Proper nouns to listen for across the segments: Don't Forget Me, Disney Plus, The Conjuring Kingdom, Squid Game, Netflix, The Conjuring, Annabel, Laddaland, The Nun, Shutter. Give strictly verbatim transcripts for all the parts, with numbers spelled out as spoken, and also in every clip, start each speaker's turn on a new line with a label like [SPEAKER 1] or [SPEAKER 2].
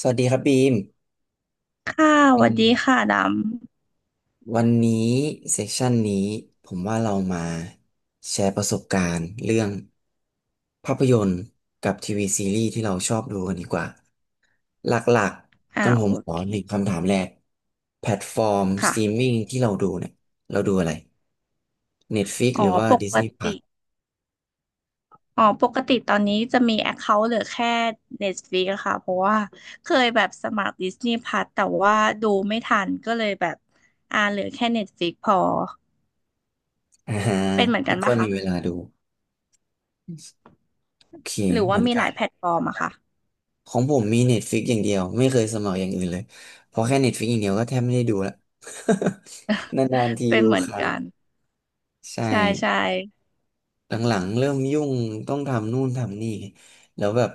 [SPEAKER 1] สวัสดีครับบีม
[SPEAKER 2] ค่ะส
[SPEAKER 1] อื
[SPEAKER 2] วัส
[SPEAKER 1] ม
[SPEAKER 2] ดีค่ะด
[SPEAKER 1] วันนี้เซสชันนี้ผมว่าเรามาแชร์ประสบการณ์เรื่องภาพยนตร์กับทีวีซีรีส์ที่เราชอบดูกันดีกว่า หลัก
[SPEAKER 2] ำ
[SPEAKER 1] ๆกั
[SPEAKER 2] อ่า
[SPEAKER 1] นผม
[SPEAKER 2] โอ
[SPEAKER 1] ขอ
[SPEAKER 2] เค
[SPEAKER 1] หนึ่งคำถามแรกแพลตฟอร์มสตรีม
[SPEAKER 2] ค่ะ
[SPEAKER 1] มิ่งที่เราดูเนี่ยเราดูอะไร Netflix
[SPEAKER 2] อ๋อ
[SPEAKER 1] หรือว่า
[SPEAKER 2] ปก
[SPEAKER 1] Disney
[SPEAKER 2] ติ
[SPEAKER 1] Plus
[SPEAKER 2] อ๋อปกติตอนนี้จะมี Account เคาท์เหลือแค่ Netflix อะค่ะ เพราะว่าเคยแบบสมัคร Disney p l ั s แต่ว่าดูไม่ทันก็เลยแบบอ่าเหลือแค่ Netflix พอ
[SPEAKER 1] อ่าฮะ
[SPEAKER 2] เป็นเหมือนกั
[SPEAKER 1] ไม่
[SPEAKER 2] น
[SPEAKER 1] ค่อ
[SPEAKER 2] ปะ
[SPEAKER 1] ยมี
[SPEAKER 2] คะ
[SPEAKER 1] เวลาดูโอเค
[SPEAKER 2] หรือ
[SPEAKER 1] เห
[SPEAKER 2] ว่า
[SPEAKER 1] มือน
[SPEAKER 2] มีห
[SPEAKER 1] กั
[SPEAKER 2] ลา
[SPEAKER 1] น
[SPEAKER 2] ยแพลตฟอร์มอะค่ะ
[SPEAKER 1] ของผมมี Netflix อย่างเดียวไม่เคยสมัครอย่างอื่นเลยเพราะแค่ Netflix อย่างเดียวก็แทบไม่ได้ดูละ นานๆที
[SPEAKER 2] เป็น
[SPEAKER 1] ดู
[SPEAKER 2] เหมือ
[SPEAKER 1] ค
[SPEAKER 2] น
[SPEAKER 1] รั้ง
[SPEAKER 2] กัน
[SPEAKER 1] ใช่
[SPEAKER 2] ใช่ใช่
[SPEAKER 1] หลังๆเริ่มยุ่งต้องทำนู่นทำนี่แล้วแบบ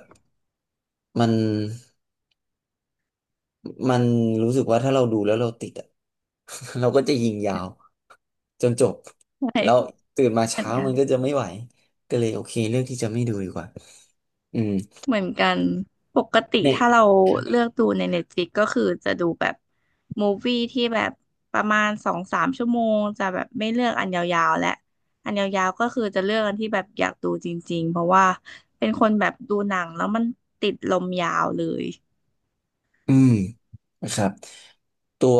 [SPEAKER 1] มันมันรู้สึกว่าถ้าเราดูแล้วเราติดอะ เราก็จะยิงยาวจนจบ
[SPEAKER 2] ใช
[SPEAKER 1] แล้ว
[SPEAKER 2] ่
[SPEAKER 1] ตื่นมา
[SPEAKER 2] เหมือน
[SPEAKER 1] เช้า
[SPEAKER 2] กั
[SPEAKER 1] มั
[SPEAKER 2] น
[SPEAKER 1] นก็จะไม่ไหวก็เลยโอเคเลือกที่จะไม่ดูดีกว่าอืม
[SPEAKER 2] เหมือนกันปกติ
[SPEAKER 1] เนี่ย
[SPEAKER 2] ถ้าเราเลือกดูใน Netflix ก็คือจะดูแบบมูฟวี่ที่แบบประมาณสองสามชั่วโมงจะแบบไม่เลือกอันยาวๆและอันยาวๆก็คือจะเลือกอันที่แบบอยากดูจริงๆเพราะว่าเป็นคนแบบดูหนังแล้วมันติดลมยาวเลย
[SPEAKER 1] อืมนะครับตัว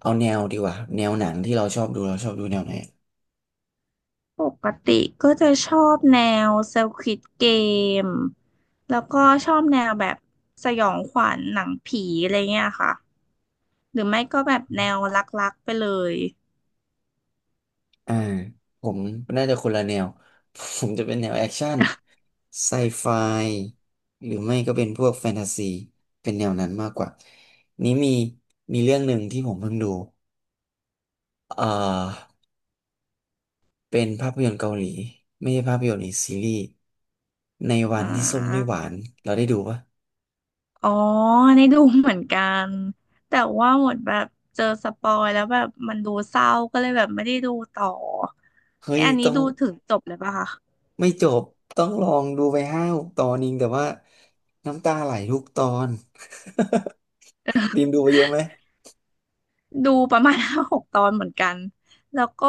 [SPEAKER 1] เอาแนวดีกว่าแนวหนังที่เราชอบดูเราชอบดูแนวไหน
[SPEAKER 2] ปกติก็จะชอบแนว Squid Game แล้วก็ชอบแนวแบบสยองขวัญหนังผีอะไรเงี้ยค่ะหรือไม่ก็แบบแนวรักๆไปเลย
[SPEAKER 1] อ่าผมน่าจะคนละแนว ผมจะเป็นแนวแอคชั่นไซไฟหรือไม่ก็เป็นพวกแฟนตาซีเป็นแนวนั้นมากกว่านี้มีมีเรื่องหนึ่งที่ผมเพิ่งดูเอ่อเป็นภาพยนตร์เกาหลีไม่ใช่ภาพยนตร์หรือซีรีส์ในวั
[SPEAKER 2] อ่า
[SPEAKER 1] นที่ส้มไม่หวานเราได้ดูปะ
[SPEAKER 2] อ๋อในดูเหมือนกันแต่ว่าหมดแบบเจอสปอยแล้วแบบมันดูเศร้าก็เลยแบบไม่ได้ดูต่อ
[SPEAKER 1] เฮ้
[SPEAKER 2] เนี่
[SPEAKER 1] ย
[SPEAKER 2] ยอันนี้
[SPEAKER 1] ต้อง
[SPEAKER 2] ดูถึงจบเลยปะคะ
[SPEAKER 1] ไม่จบต้องลองดูไปห้าหกตอนเองแต่ว่าน้ำตาไหลทุกตอน บีมดูไปเยอะไหม
[SPEAKER 2] ดูประมาณ ห้าหกตอนเหมือนกันแล้วก็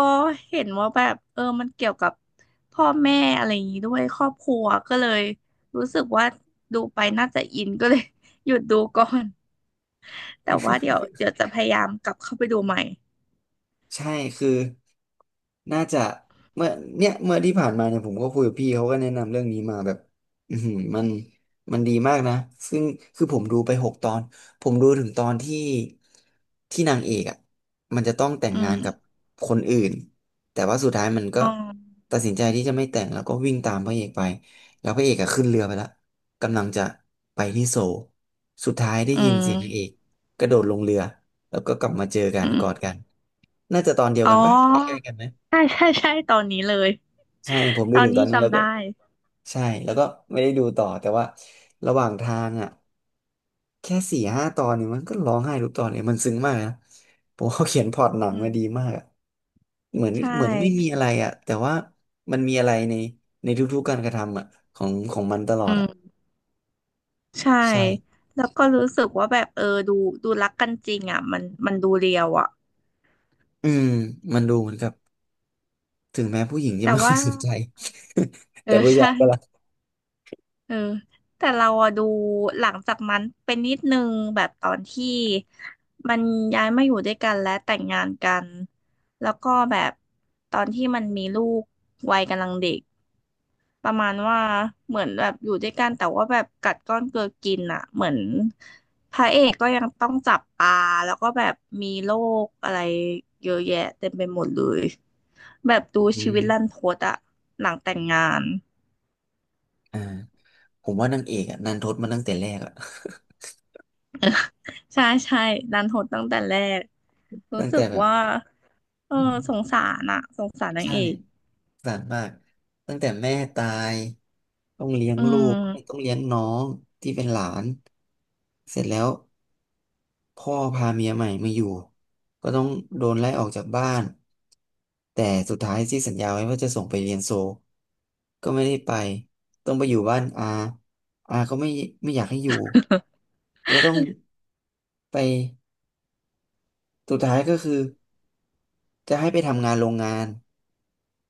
[SPEAKER 2] เห็นว่าแบบเออมันเกี่ยวกับพ่อแม่อะไรอย่างนี้ด้วยครอบครัวก็เลยรู้สึกว่าดูไปน่าจะอินก็เลย หยุดดูก่อน แต่ว่าเดี๋ยวเดี๋ยวจะพยายามกลับเข้าไปดูใหม่
[SPEAKER 1] ใช่คือน่าจะเมื่อเนี่ยเมื่อที่ผ่านมาเนี่ยผมก็คุยกับพี่เขาก็แนะนำเรื่องนี้มาแบบอือหือมันมันดีมากนะซึ่งคือผมดูไปหกตอนผมดูถึงตอนที่ที่นางเอกอ่ะมันจะต้องแต่ง
[SPEAKER 2] อื
[SPEAKER 1] งานกับ
[SPEAKER 2] ม
[SPEAKER 1] คนอื่นแต่ว่าสุดท้ายมันก็
[SPEAKER 2] อ๋อ
[SPEAKER 1] ตัดสินใจที่จะไม่แต่งแล้วก็วิ่งตามพระเอกไปแล้วพระเอกอะขึ้นเรือไปแล้วกำลังจะไปที่โซลสุดท้ายได้
[SPEAKER 2] อื
[SPEAKER 1] ยินเสียงนางเอก
[SPEAKER 2] ม
[SPEAKER 1] กระโดดลงเรือ แล้วก็กลับมาเจอกัน
[SPEAKER 2] อืม
[SPEAKER 1] กอดกันน่าจะตอนเดียว
[SPEAKER 2] อ๋
[SPEAKER 1] กันปะใกล้
[SPEAKER 2] อ
[SPEAKER 1] ๆกันนะ
[SPEAKER 2] ใช่ใช่ใช่ตอนนี้เลย
[SPEAKER 1] ใช่ผมดู
[SPEAKER 2] ตอน
[SPEAKER 1] ถึงตอ
[SPEAKER 2] นี้
[SPEAKER 1] นนี้แล้ว
[SPEAKER 2] จำ
[SPEAKER 1] ก็
[SPEAKER 2] ได้
[SPEAKER 1] ใช่แล้วก็ไม่ได้ดูต่อแต่ว่าระหว่างทางอ่ะแค่สี่ห้าตอนเนี่ยมันก็ร้องไห้ทุกตอนเลยมันซึ้งมากนะผมว่าเขาเขียนพล็อตหนัง
[SPEAKER 2] อืม
[SPEAKER 1] มาดีมากอะเหมือน
[SPEAKER 2] ใช่
[SPEAKER 1] เหมือนไม่มีอะไรอ่ะแต่ว่ามันมีอะไรในในทุกๆการกระทำอ่ะของของมันตลอ
[SPEAKER 2] อื
[SPEAKER 1] ดอ่ะ
[SPEAKER 2] มใช่
[SPEAKER 1] ใช่
[SPEAKER 2] แล้วก็รู้สึกว่าแบบเออดูดูรักกันจริงอ่ะมันมันดูเรียวอ่ะ
[SPEAKER 1] อืมมันดูเหมือนกับถึงแม้ผู้หญิงจะ
[SPEAKER 2] แต่
[SPEAKER 1] ไม่ค่อ
[SPEAKER 2] ว่า
[SPEAKER 1] ยสนใจ
[SPEAKER 2] เออ
[SPEAKER 1] แต่ผู้ชา
[SPEAKER 2] ใช่
[SPEAKER 1] ยก็รัก
[SPEAKER 2] เออแต่เราอะดูหลังจากนั้นเป็นนิดนึงแบบตอนที่มันย้ายมาอยู่ด้วยกันและแต่งงานกันแล้วก็แบบตอนที่มันมีลูกวัยกำลังเด็ก ประมาณว่าเหมือนแบบอยู่ด้วยกันแต่ว่าแบบกัดก้อนเกลือกินอ่ะเหมือนพระเอกก็ยังต้องจับปลาแล้วก็แบบมีโรคอะไรเยอะแยะเต็มไปหมดเลยแบบดู
[SPEAKER 1] อื
[SPEAKER 2] ชีวิตรัน
[SPEAKER 1] ม
[SPEAKER 2] ทดอ่ะหลังแต่งงาน
[SPEAKER 1] อ่า ผมว่านางเอกอะนันทดมาตั้งแต่แรกอะ
[SPEAKER 2] ใช่ใช่รันทดตั้งแต่แรก รู้
[SPEAKER 1] ตั้ง
[SPEAKER 2] สึ
[SPEAKER 1] แต่
[SPEAKER 2] ก
[SPEAKER 1] แบบ
[SPEAKER 2] ว่าเออ
[SPEAKER 1] อืม
[SPEAKER 2] สงสารอ่ะสงสารนาง
[SPEAKER 1] ใช่
[SPEAKER 2] เอ
[SPEAKER 1] ส
[SPEAKER 2] ก
[SPEAKER 1] งสารมากตั้งแต่แม่ตายต้องเลี้ยง
[SPEAKER 2] อื
[SPEAKER 1] ลูกต้อ
[SPEAKER 2] ม
[SPEAKER 1] งเลี้ยงน้องที่เป็นหลานเสร็จแล้วพ่อพาเมียใหม่มาอยู่ก็ต้องโดนไล่ออกจากบ้านแต่สุดท้ายที่สัญญาไว้ว่าจะส่งไปเรียนโซลก็ไม่ได้ไปต้องไปอยู่บ้านอาอาก็ไม่ไม่อยากให้อยู่จะต้องไปสุดท้ายก็คือ จะให้ไปทำงานโรงงาน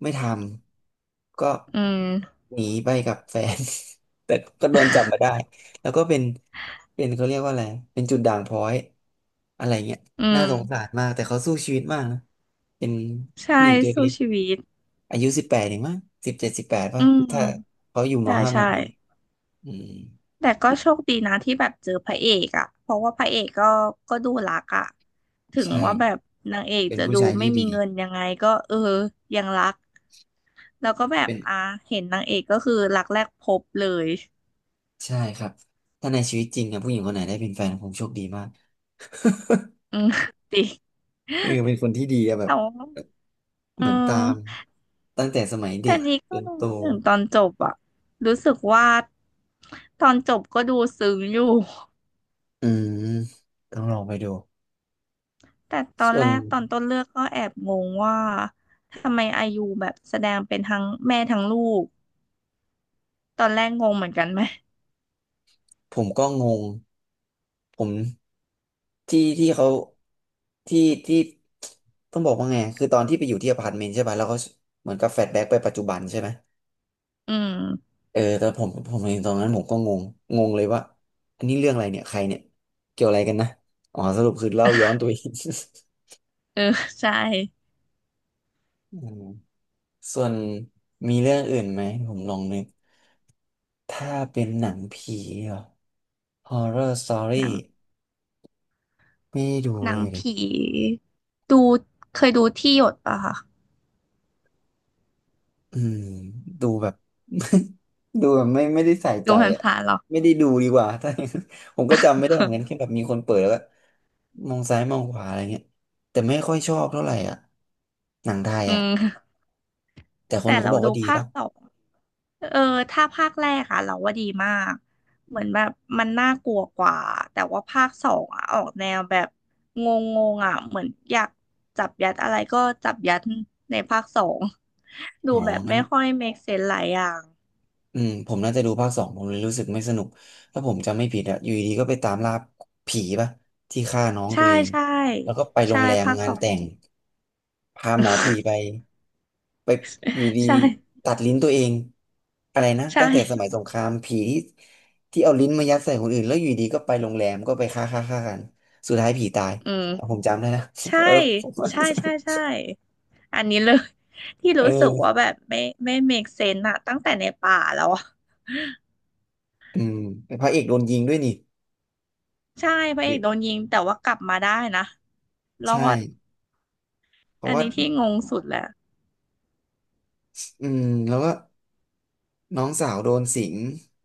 [SPEAKER 1] ไม่ทำก็
[SPEAKER 2] อืม
[SPEAKER 1] หนีไปกับแฟน แต่ก็โดนจับมาได้แล้วก็เป็นเป็นเขาเรียกว่าอะไรเป็นจุดด่างพร้อยอะไรเงี้ย
[SPEAKER 2] อื
[SPEAKER 1] น่าสงสา
[SPEAKER 2] ม
[SPEAKER 1] รมากแต่เขาสู้ชีวิตมากนะเป็น
[SPEAKER 2] ใช่
[SPEAKER 1] ผู้หญิงตัว
[SPEAKER 2] สู้
[SPEAKER 1] เล็ก
[SPEAKER 2] ชีวิต
[SPEAKER 1] ๆอายุสิบแปดเองมั้งสิบเจ็ดสิบแปด
[SPEAKER 2] อื
[SPEAKER 1] ป่ะ
[SPEAKER 2] ม
[SPEAKER 1] ถ้าเขาอยู่ม
[SPEAKER 2] ใช่
[SPEAKER 1] ห้ามห
[SPEAKER 2] ใช่
[SPEAKER 1] กเองอืม
[SPEAKER 2] แต่ก็โชคดีนะที่แบบเจอพระเอกอะเพราะว่าพระเอกก็ก็ดูรักอะถึง
[SPEAKER 1] ใช่
[SPEAKER 2] ว่าแบบนางเอก
[SPEAKER 1] เป็น
[SPEAKER 2] จะ
[SPEAKER 1] ผู้
[SPEAKER 2] ดู
[SPEAKER 1] ชาย
[SPEAKER 2] ไม่
[SPEAKER 1] ที่
[SPEAKER 2] มี
[SPEAKER 1] ดี
[SPEAKER 2] เงินยังไงก็เออยังรัก แล้วก็แบบ
[SPEAKER 1] เป็น
[SPEAKER 2] อ่ะเห็นนางเอกก็คือรักแรกพบเลย
[SPEAKER 1] ใช่ครับ ถ้าในชีวิตจริงอะผู้หญิงคนไหนได้เป็นแฟนผมโชคดีมาก
[SPEAKER 2] อื ม จริง
[SPEAKER 1] เออเป็นคนที่ดีอะแบบ
[SPEAKER 2] แต่ว่าเอ
[SPEAKER 1] เหมือนตาม
[SPEAKER 2] อ
[SPEAKER 1] ตั้งแต่สมัยเด็
[SPEAKER 2] แต่
[SPEAKER 1] ก
[SPEAKER 2] นี้
[SPEAKER 1] จ
[SPEAKER 2] ก็
[SPEAKER 1] นโต
[SPEAKER 2] รู้ถึงตอนจบอะรู้สึกว่าตอนจบก็ดูซึ้งอยู่
[SPEAKER 1] อืมต้องลองไปดู
[SPEAKER 2] แต่ตอน
[SPEAKER 1] ส่ว
[SPEAKER 2] แร
[SPEAKER 1] น
[SPEAKER 2] กตอนต้นเรื่องก็แอบงงว่าทำไมอายุแบบแสดงเป็นทั้งแม่ทั้งลูก ตอนแรกงงเหมือนกันไหม
[SPEAKER 1] ผมก็งงผมที่ที่เขาที่ที่ต้องบอกว่าไงคือตอนที่ไปอยู่ที่อพาร์ตเมนต์ใช่ป่ะแล้วเขาเหมือนกับแฟลชแบ็กไปปัจจุบันใช่ไหม
[SPEAKER 2] อืม
[SPEAKER 1] เออแต่ผมผมเห็นตอนนั้นผมก็งงงงเลยว่าอันนี้เรื่องอะไรเนี่ยใครเนี่ยเกี่ยวอะไรกันนะอ๋อสรุปคือเล่าย้อนตัวเอง
[SPEAKER 2] เออ ใช่
[SPEAKER 1] อืมส่วนมีเรื่องอื่นไหมผมลองนึกถ้าเป็นหนังผีเหรอ Horror Story
[SPEAKER 2] หนัง
[SPEAKER 1] ไม่ได้ดู
[SPEAKER 2] ห
[SPEAKER 1] เล
[SPEAKER 2] นัง
[SPEAKER 1] ยดิ
[SPEAKER 2] ผีดูเคยดูที่หยดป่ะคะ
[SPEAKER 1] อืมดูแบบ ดูแบบไม่ไม่ได้ใส่ใจ
[SPEAKER 2] ดูผ่าน
[SPEAKER 1] อ่ะ
[SPEAKER 2] ผ่านหรอ
[SPEAKER 1] ไม่ได้ดูดีกว่า ถ้าอย่างนั้นผมก็จำไม่ได้เหมือนกันแค่แบบ มีคนเปิดแล้วก็มองซ้ายมองขวาอะไรเงี้ยแต่ไม่ค่อยชอบเท่าไหร่อ่ะหนังไทย
[SPEAKER 2] อื
[SPEAKER 1] อ่ะ
[SPEAKER 2] ม
[SPEAKER 1] แต่ค
[SPEAKER 2] แต่
[SPEAKER 1] นเขา
[SPEAKER 2] เรา
[SPEAKER 1] บอก
[SPEAKER 2] ดู
[SPEAKER 1] ว่าดี
[SPEAKER 2] ภาค
[SPEAKER 1] ป่ะ
[SPEAKER 2] สอง เออ ถ้าภาคแรกอะเราว่าดีมากเหมือนแบบมันน่ากลัวกว่า แต่ว่าภาคสองอะออกแนวแบบงงๆอะเหมือนอยากจับยัดอะไรก็จับยัด ในภาคสอง ดู
[SPEAKER 1] อ๋อ
[SPEAKER 2] แบบ
[SPEAKER 1] งั้
[SPEAKER 2] ไม่
[SPEAKER 1] น
[SPEAKER 2] ค่อย make sense หลายอย่าง
[SPEAKER 1] อืมผมน่าจะดูภาคสองผมเลยรู้สึกไม่สนุกถ้าผมจำไม่ผิดอ่ะอยู่ดีๆก็ไปตามล่าผีป่ะที่ฆ่าน้องตั
[SPEAKER 2] ใช่
[SPEAKER 1] วเอง
[SPEAKER 2] ใช่
[SPEAKER 1] แล้วก็ไปโร
[SPEAKER 2] ใช่
[SPEAKER 1] งแรม
[SPEAKER 2] ภาค
[SPEAKER 1] งา
[SPEAKER 2] ส
[SPEAKER 1] น
[SPEAKER 2] อง
[SPEAKER 1] แต่ง พาหมอผีไป ไปอยู่ดี
[SPEAKER 2] ใช่
[SPEAKER 1] ตัดลิ้นตัวเองอะไรนะ
[SPEAKER 2] ใช่
[SPEAKER 1] ตั้งแต่สมัยสงครามผีที่ที่เอาลิ้นมายัดใส่คนอื่นแล้วอยู่ดีก็ไปโรงแรมก็ไปฆ่าฆ่าฆ่ากันสุดท้ายผีตาย
[SPEAKER 2] อืม
[SPEAKER 1] เอาผมจำได้นะ
[SPEAKER 2] ใช่
[SPEAKER 1] เออ ผมว่า
[SPEAKER 2] ใช่ใช่ใช่อันนี้เลย ที่
[SPEAKER 1] เอ
[SPEAKER 2] รู้สึก
[SPEAKER 1] อ
[SPEAKER 2] ว่าแบบไม่ไม่ make sense อะตั้งแต่ในป่าแล้วอะ
[SPEAKER 1] อืมพระเอกโดนยิงด้วยนี่
[SPEAKER 2] ใช่พระ
[SPEAKER 1] ห
[SPEAKER 2] เอ
[SPEAKER 1] รื
[SPEAKER 2] ก
[SPEAKER 1] อ
[SPEAKER 2] โดนยิงแต่ว่ากลับมาได้นะรอ
[SPEAKER 1] ใช่
[SPEAKER 2] ด
[SPEAKER 1] เพราะ
[SPEAKER 2] อัน
[SPEAKER 1] ว่า
[SPEAKER 2] นี้ที่งงสุดแหละ
[SPEAKER 1] อืมแล้วก็น้องสาวโดนสิง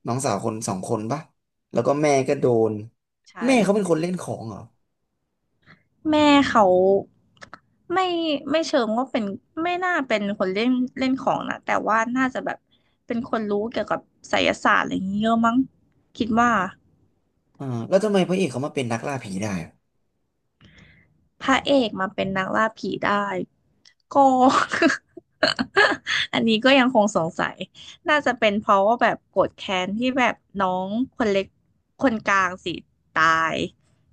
[SPEAKER 1] น้องสาวคนสองคนปะแล้วก็แม่ก็โดน
[SPEAKER 2] ใช่
[SPEAKER 1] แม่เขาเป็นคนเล่นของเหรอ
[SPEAKER 2] แม่เขาไม่ไม่เชิงว่าเป็นไม่น่าเป็นคนเล่นเล่นของนะแต่ว่าน่าจะแบบเป็นคนรู้เกี่ยวกับไสยศาสตร์อะไรอย่างเงี้ยเยอะมั้งคิดว่า
[SPEAKER 1] อ่าแล้วทำไมพระเอกเขามาเป็นนักล่าผีได้
[SPEAKER 2] พระเอกมาเป็นนักล่าผีได้ก็ อันนี้ก็ยังคงสงสัยน่าจะเป็นเพราะว่าแบบโกรธแค้นที่แบบน้องคนเล็กคนกลางสิตาย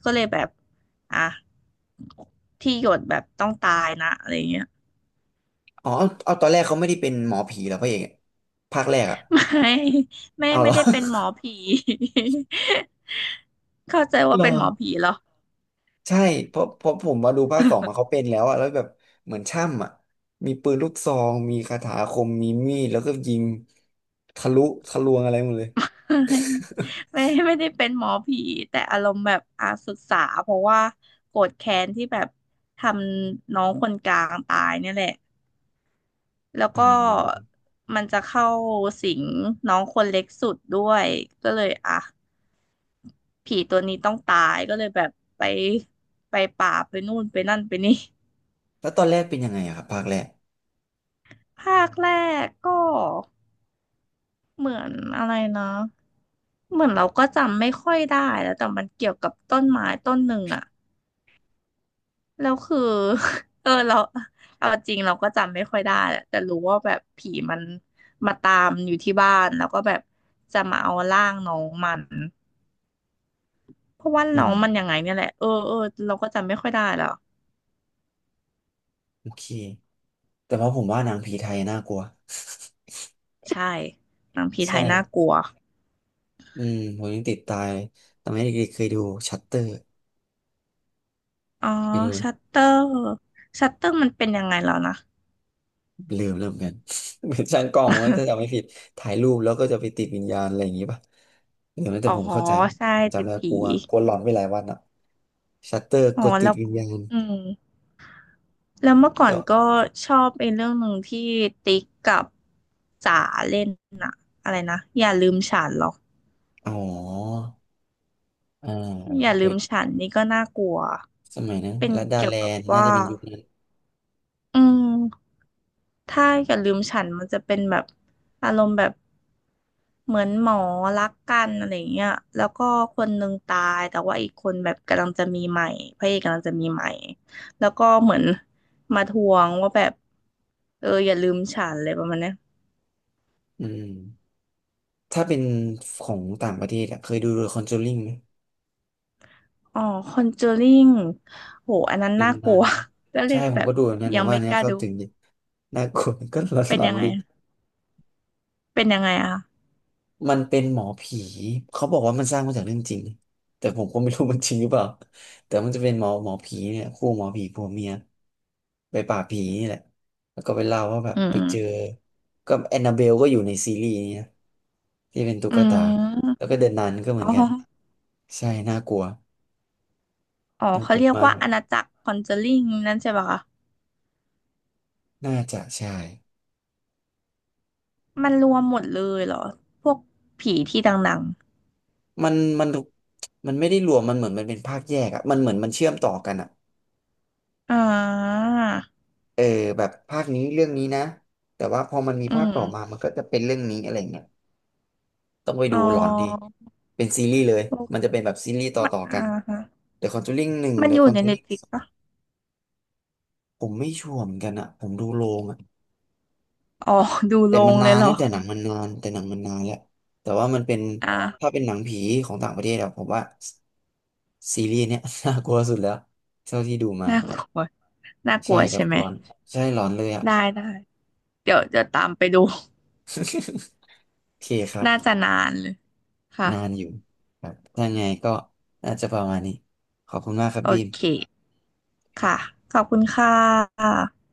[SPEAKER 2] ก็เลยแบบอ่ะที่หยดแบบต้องตายนะอะไรเงี้ย
[SPEAKER 1] อ๋อเอาเอาตอนแรกเขาไม่ได้เป็นหมอผีเหรอพระเอกอะภาคแรกอะ
[SPEAKER 2] ไม่ไม่
[SPEAKER 1] เอาเห
[SPEAKER 2] ไม่
[SPEAKER 1] รอ
[SPEAKER 2] ได้เป็นหมอผี เข้าใจ
[SPEAKER 1] เห
[SPEAKER 2] ว่า
[SPEAKER 1] รอ
[SPEAKER 2] เป็นหมอผีเหรอ
[SPEAKER 1] ใช่เพราะเพราะผมมาดูภาคสองมาเขาเป็นแล้วอะแล้วแบบเหมือนช่ำอะมีปืนลูกซองมีคาถาอาคมมีมีดแล้วก็ยิงทะลุทะลวงอะไรหมดเลย
[SPEAKER 2] ไม่ ไม่ไม่ได้เป็นหมอผีแต่อารมณ์แบบอาศึกษาเพราะว่าโกรธแค้นที่แบบทำน้องคนกลางตายเนี่ยแหละแล้ว
[SPEAKER 1] อื
[SPEAKER 2] ก็
[SPEAKER 1] ม
[SPEAKER 2] มันจะเข้าสิงน้องคนเล็กสุดด้วยก็เลยอ่ะผีตัวนี้ต้องตายก็เลยแบบไปไปป่าไปนู่นไปนั่นไปนี่
[SPEAKER 1] แล้วตอนแรกเป็นยังไงอะครับภาคแรก
[SPEAKER 2] ภาคแรกก็เหมือนอะไรนะเหมือนเราก็จำไม่ค่อยได้แล้วแต่มันเกี่ยวกับต้นไม้ต้นหนึ่งอะ แล้วคือ เออเรา เอาจริงเราก็จำไม่ค่อยได้แะแต่รู้ว่าแบบผีมันมาตามอยู่ที่บ้านแล้วก็แบบจะมาเอาร่างน้องมันเพราะว่า
[SPEAKER 1] อื
[SPEAKER 2] น้อ
[SPEAKER 1] ม
[SPEAKER 2] งมันยังไงเนี่ยแหละเออเออเราก็จำไม่ค่อยได้แล้ว
[SPEAKER 1] โอเคแต่ว่าผมว่าหนังผีไทยน่ากลัว
[SPEAKER 2] ใช่หนังผีไท
[SPEAKER 1] ใช่
[SPEAKER 2] ยน่ากลัว
[SPEAKER 1] อืมผมยังติดตายตอนนี้เด็กๆเคยดูชัตเตอร์
[SPEAKER 2] อ๋อ
[SPEAKER 1] เคยดู
[SPEAKER 2] ชัตเตอร์ชัตเตอร์มันเป็นยังไงแล้วนะ
[SPEAKER 1] ลืมเริืมอนกัน เหมือนช่างกล้องมันถ้าจำไม่ผิดถ่ายรูปแล้วก็จะไปติดวิญญาณอะไรอย่างงี้ป่ะหรือไ้่
[SPEAKER 2] อ๋
[SPEAKER 1] แต่
[SPEAKER 2] อ
[SPEAKER 1] ผมเข้าใจ
[SPEAKER 2] ใช่
[SPEAKER 1] ผม
[SPEAKER 2] ติ
[SPEAKER 1] จำ
[SPEAKER 2] ด
[SPEAKER 1] ได้
[SPEAKER 2] ผี
[SPEAKER 1] กลัวกลัวหลอนไปหลายวันอ่ะชัตเตอร์
[SPEAKER 2] อ๋
[SPEAKER 1] ก
[SPEAKER 2] อ
[SPEAKER 1] ดติ
[SPEAKER 2] แล้
[SPEAKER 1] ด
[SPEAKER 2] ว
[SPEAKER 1] วิญญาณ
[SPEAKER 2] อืม แล้วเมื่อก่อ
[SPEAKER 1] แต่
[SPEAKER 2] น
[SPEAKER 1] ว่า
[SPEAKER 2] ก็ชอบเป็นเรื่องหนึ่งที่ติ๊กกับจ๋าเล่นน่ะอะไรนะอย่าลืมฉันหรอก
[SPEAKER 1] อ๋ออ่า
[SPEAKER 2] อย่า
[SPEAKER 1] เค
[SPEAKER 2] ลื
[SPEAKER 1] ย
[SPEAKER 2] มฉันนี่ก็น่ากลัว
[SPEAKER 1] สมัยนั้น
[SPEAKER 2] เป็น
[SPEAKER 1] ลัดดา
[SPEAKER 2] เกี่ย
[SPEAKER 1] แล
[SPEAKER 2] วกับ
[SPEAKER 1] นด์น่า
[SPEAKER 2] ว่า
[SPEAKER 1] จะเป็นยุคนั้น
[SPEAKER 2] อืมถ้าอย่าลืมฉันมันจะเป็นแบบอารมณ์แบบเหมือนหมอรักกันอะไรเงี้ยแล้วก็คนหนึ่งตายแต่ว่าอีกคนแบบกำลังจะมีใหม่พระเอกกำลังจะมีใหม่แล้วก็เหมือนมาทวงว่าแบบเอออย่าลืมฉันเลยประมาณเนี้ย
[SPEAKER 1] อืมถ้าเป็นของต่างประเทศอะเคยดูเดอะคอนจูริงไหม
[SPEAKER 2] อ๋อคอนเจอริงโหอันนั้น
[SPEAKER 1] เดิ
[SPEAKER 2] น่า
[SPEAKER 1] น
[SPEAKER 2] ก
[SPEAKER 1] มั
[SPEAKER 2] ลั
[SPEAKER 1] น
[SPEAKER 2] ว ก็เล
[SPEAKER 1] ใช่
[SPEAKER 2] ย
[SPEAKER 1] ผ
[SPEAKER 2] แบ
[SPEAKER 1] ม
[SPEAKER 2] บ
[SPEAKER 1] ก็ดูแบบนั้นผ
[SPEAKER 2] ยัง
[SPEAKER 1] มว่า
[SPEAKER 2] ไม่
[SPEAKER 1] นเนี้
[SPEAKER 2] ก
[SPEAKER 1] ย
[SPEAKER 2] ล้า
[SPEAKER 1] เข้า
[SPEAKER 2] ดู
[SPEAKER 1] ถึงดีน่ากลัว ก็ห
[SPEAKER 2] เป็น
[SPEAKER 1] ลอ
[SPEAKER 2] ยั
[SPEAKER 1] น
[SPEAKER 2] ง
[SPEAKER 1] ๆ
[SPEAKER 2] ไง
[SPEAKER 1] ดี
[SPEAKER 2] เป็นยังไงอะคะ
[SPEAKER 1] มันเป็นหมอผี เขาบอกว่ามันสร้างมาจากเรื่องจริงแต่ผมก็ไม่รู้มันจริงหรือเปล่าแต่มันจะเป็นหมอหมอผีเนี่ยคู่หมอผีผัวเมียไปป่าบผีนี่แหละ แล้วก็ไปเล่าว่าแบบ
[SPEAKER 2] อื
[SPEAKER 1] ไป
[SPEAKER 2] ม
[SPEAKER 1] เจอ ก็แอนนาเบลก็อยู่ในซีรีส์นี้นะที่เป็นตุ๊
[SPEAKER 2] อื
[SPEAKER 1] กตา
[SPEAKER 2] ม
[SPEAKER 1] แล้วก็เดอะนันก็เหมือน
[SPEAKER 2] อ๋อ
[SPEAKER 1] กันใช่น่ากลัว
[SPEAKER 2] อ๋อ
[SPEAKER 1] น่าก
[SPEAKER 2] เขา
[SPEAKER 1] ลัว
[SPEAKER 2] เรียก
[SPEAKER 1] มาก
[SPEAKER 2] ว่าอาณาจักรคอนเจอริงนั่นใช่ปะคะ
[SPEAKER 1] น่าจะใช่
[SPEAKER 2] มันรวมหมดเลยเหรอพวกผีที่ดัง
[SPEAKER 1] มันมันมันไม่ได้รวมมันเหมือนมันเป็นภาคแยกอะมันเหมือนมันเชื่อมต่อกันอะ
[SPEAKER 2] ๆอ่า
[SPEAKER 1] เออแบบภาคนี้เรื่องนี้นะแต่ว่าพอมันมี
[SPEAKER 2] อื
[SPEAKER 1] ภาค
[SPEAKER 2] ม
[SPEAKER 1] ต่อมามันก็จะเป็นเรื่องนี้อะไรเงี้ยต้องไป
[SPEAKER 2] อ๋
[SPEAKER 1] ดู
[SPEAKER 2] อ
[SPEAKER 1] หลอนดีเป็นซีรีส์เลย
[SPEAKER 2] โอ
[SPEAKER 1] มันจะ
[SPEAKER 2] ้
[SPEAKER 1] เป็นแบบซีรีส์ต่อ
[SPEAKER 2] มัน
[SPEAKER 1] ต่อกัน
[SPEAKER 2] อ่าฮะ
[SPEAKER 1] The Conjuring หนึ่ง
[SPEAKER 2] มัน
[SPEAKER 1] The
[SPEAKER 2] อยู่ในเน็ต
[SPEAKER 1] Conjuring
[SPEAKER 2] ฟลิ
[SPEAKER 1] ส
[SPEAKER 2] ก
[SPEAKER 1] อง
[SPEAKER 2] ปะ
[SPEAKER 1] ผมไม่ชัวร์เหมือนกันอะผมดูโรงอะ
[SPEAKER 2] อ๋อดู
[SPEAKER 1] แต่
[SPEAKER 2] ล
[SPEAKER 1] มั
[SPEAKER 2] ง
[SPEAKER 1] น
[SPEAKER 2] เล
[SPEAKER 1] นา
[SPEAKER 2] ย
[SPEAKER 1] น
[SPEAKER 2] เหรอ
[SPEAKER 1] นะแต่หนังมันนานแต่หนังมันนานแล้วแต่ว่ามันเป็นถ้า
[SPEAKER 2] อ่า
[SPEAKER 1] เป็นหนังผีของต่างประเทศอะผมว่าซีรีส์เนี้ย น่ากลัวสุดแล้วเท่าที่ดูมา
[SPEAKER 2] น่ากลัวน่าก
[SPEAKER 1] ใช่
[SPEAKER 2] ลัว
[SPEAKER 1] ครั
[SPEAKER 2] ใช่
[SPEAKER 1] บ
[SPEAKER 2] ไหม
[SPEAKER 1] หลอนใช่หลอนเลยอะ
[SPEAKER 2] ได้ได้เดี๋ยวจะตามไปดู
[SPEAKER 1] โอเคครับ
[SPEAKER 2] น่าจะนานเลยค่ะ
[SPEAKER 1] นานอยู่ครับถ้าไงก็น่าจะประมาณนี้ ขอบคุณมากครับ
[SPEAKER 2] โอ
[SPEAKER 1] บีม
[SPEAKER 2] เคค่ะขอบคุณค่ะ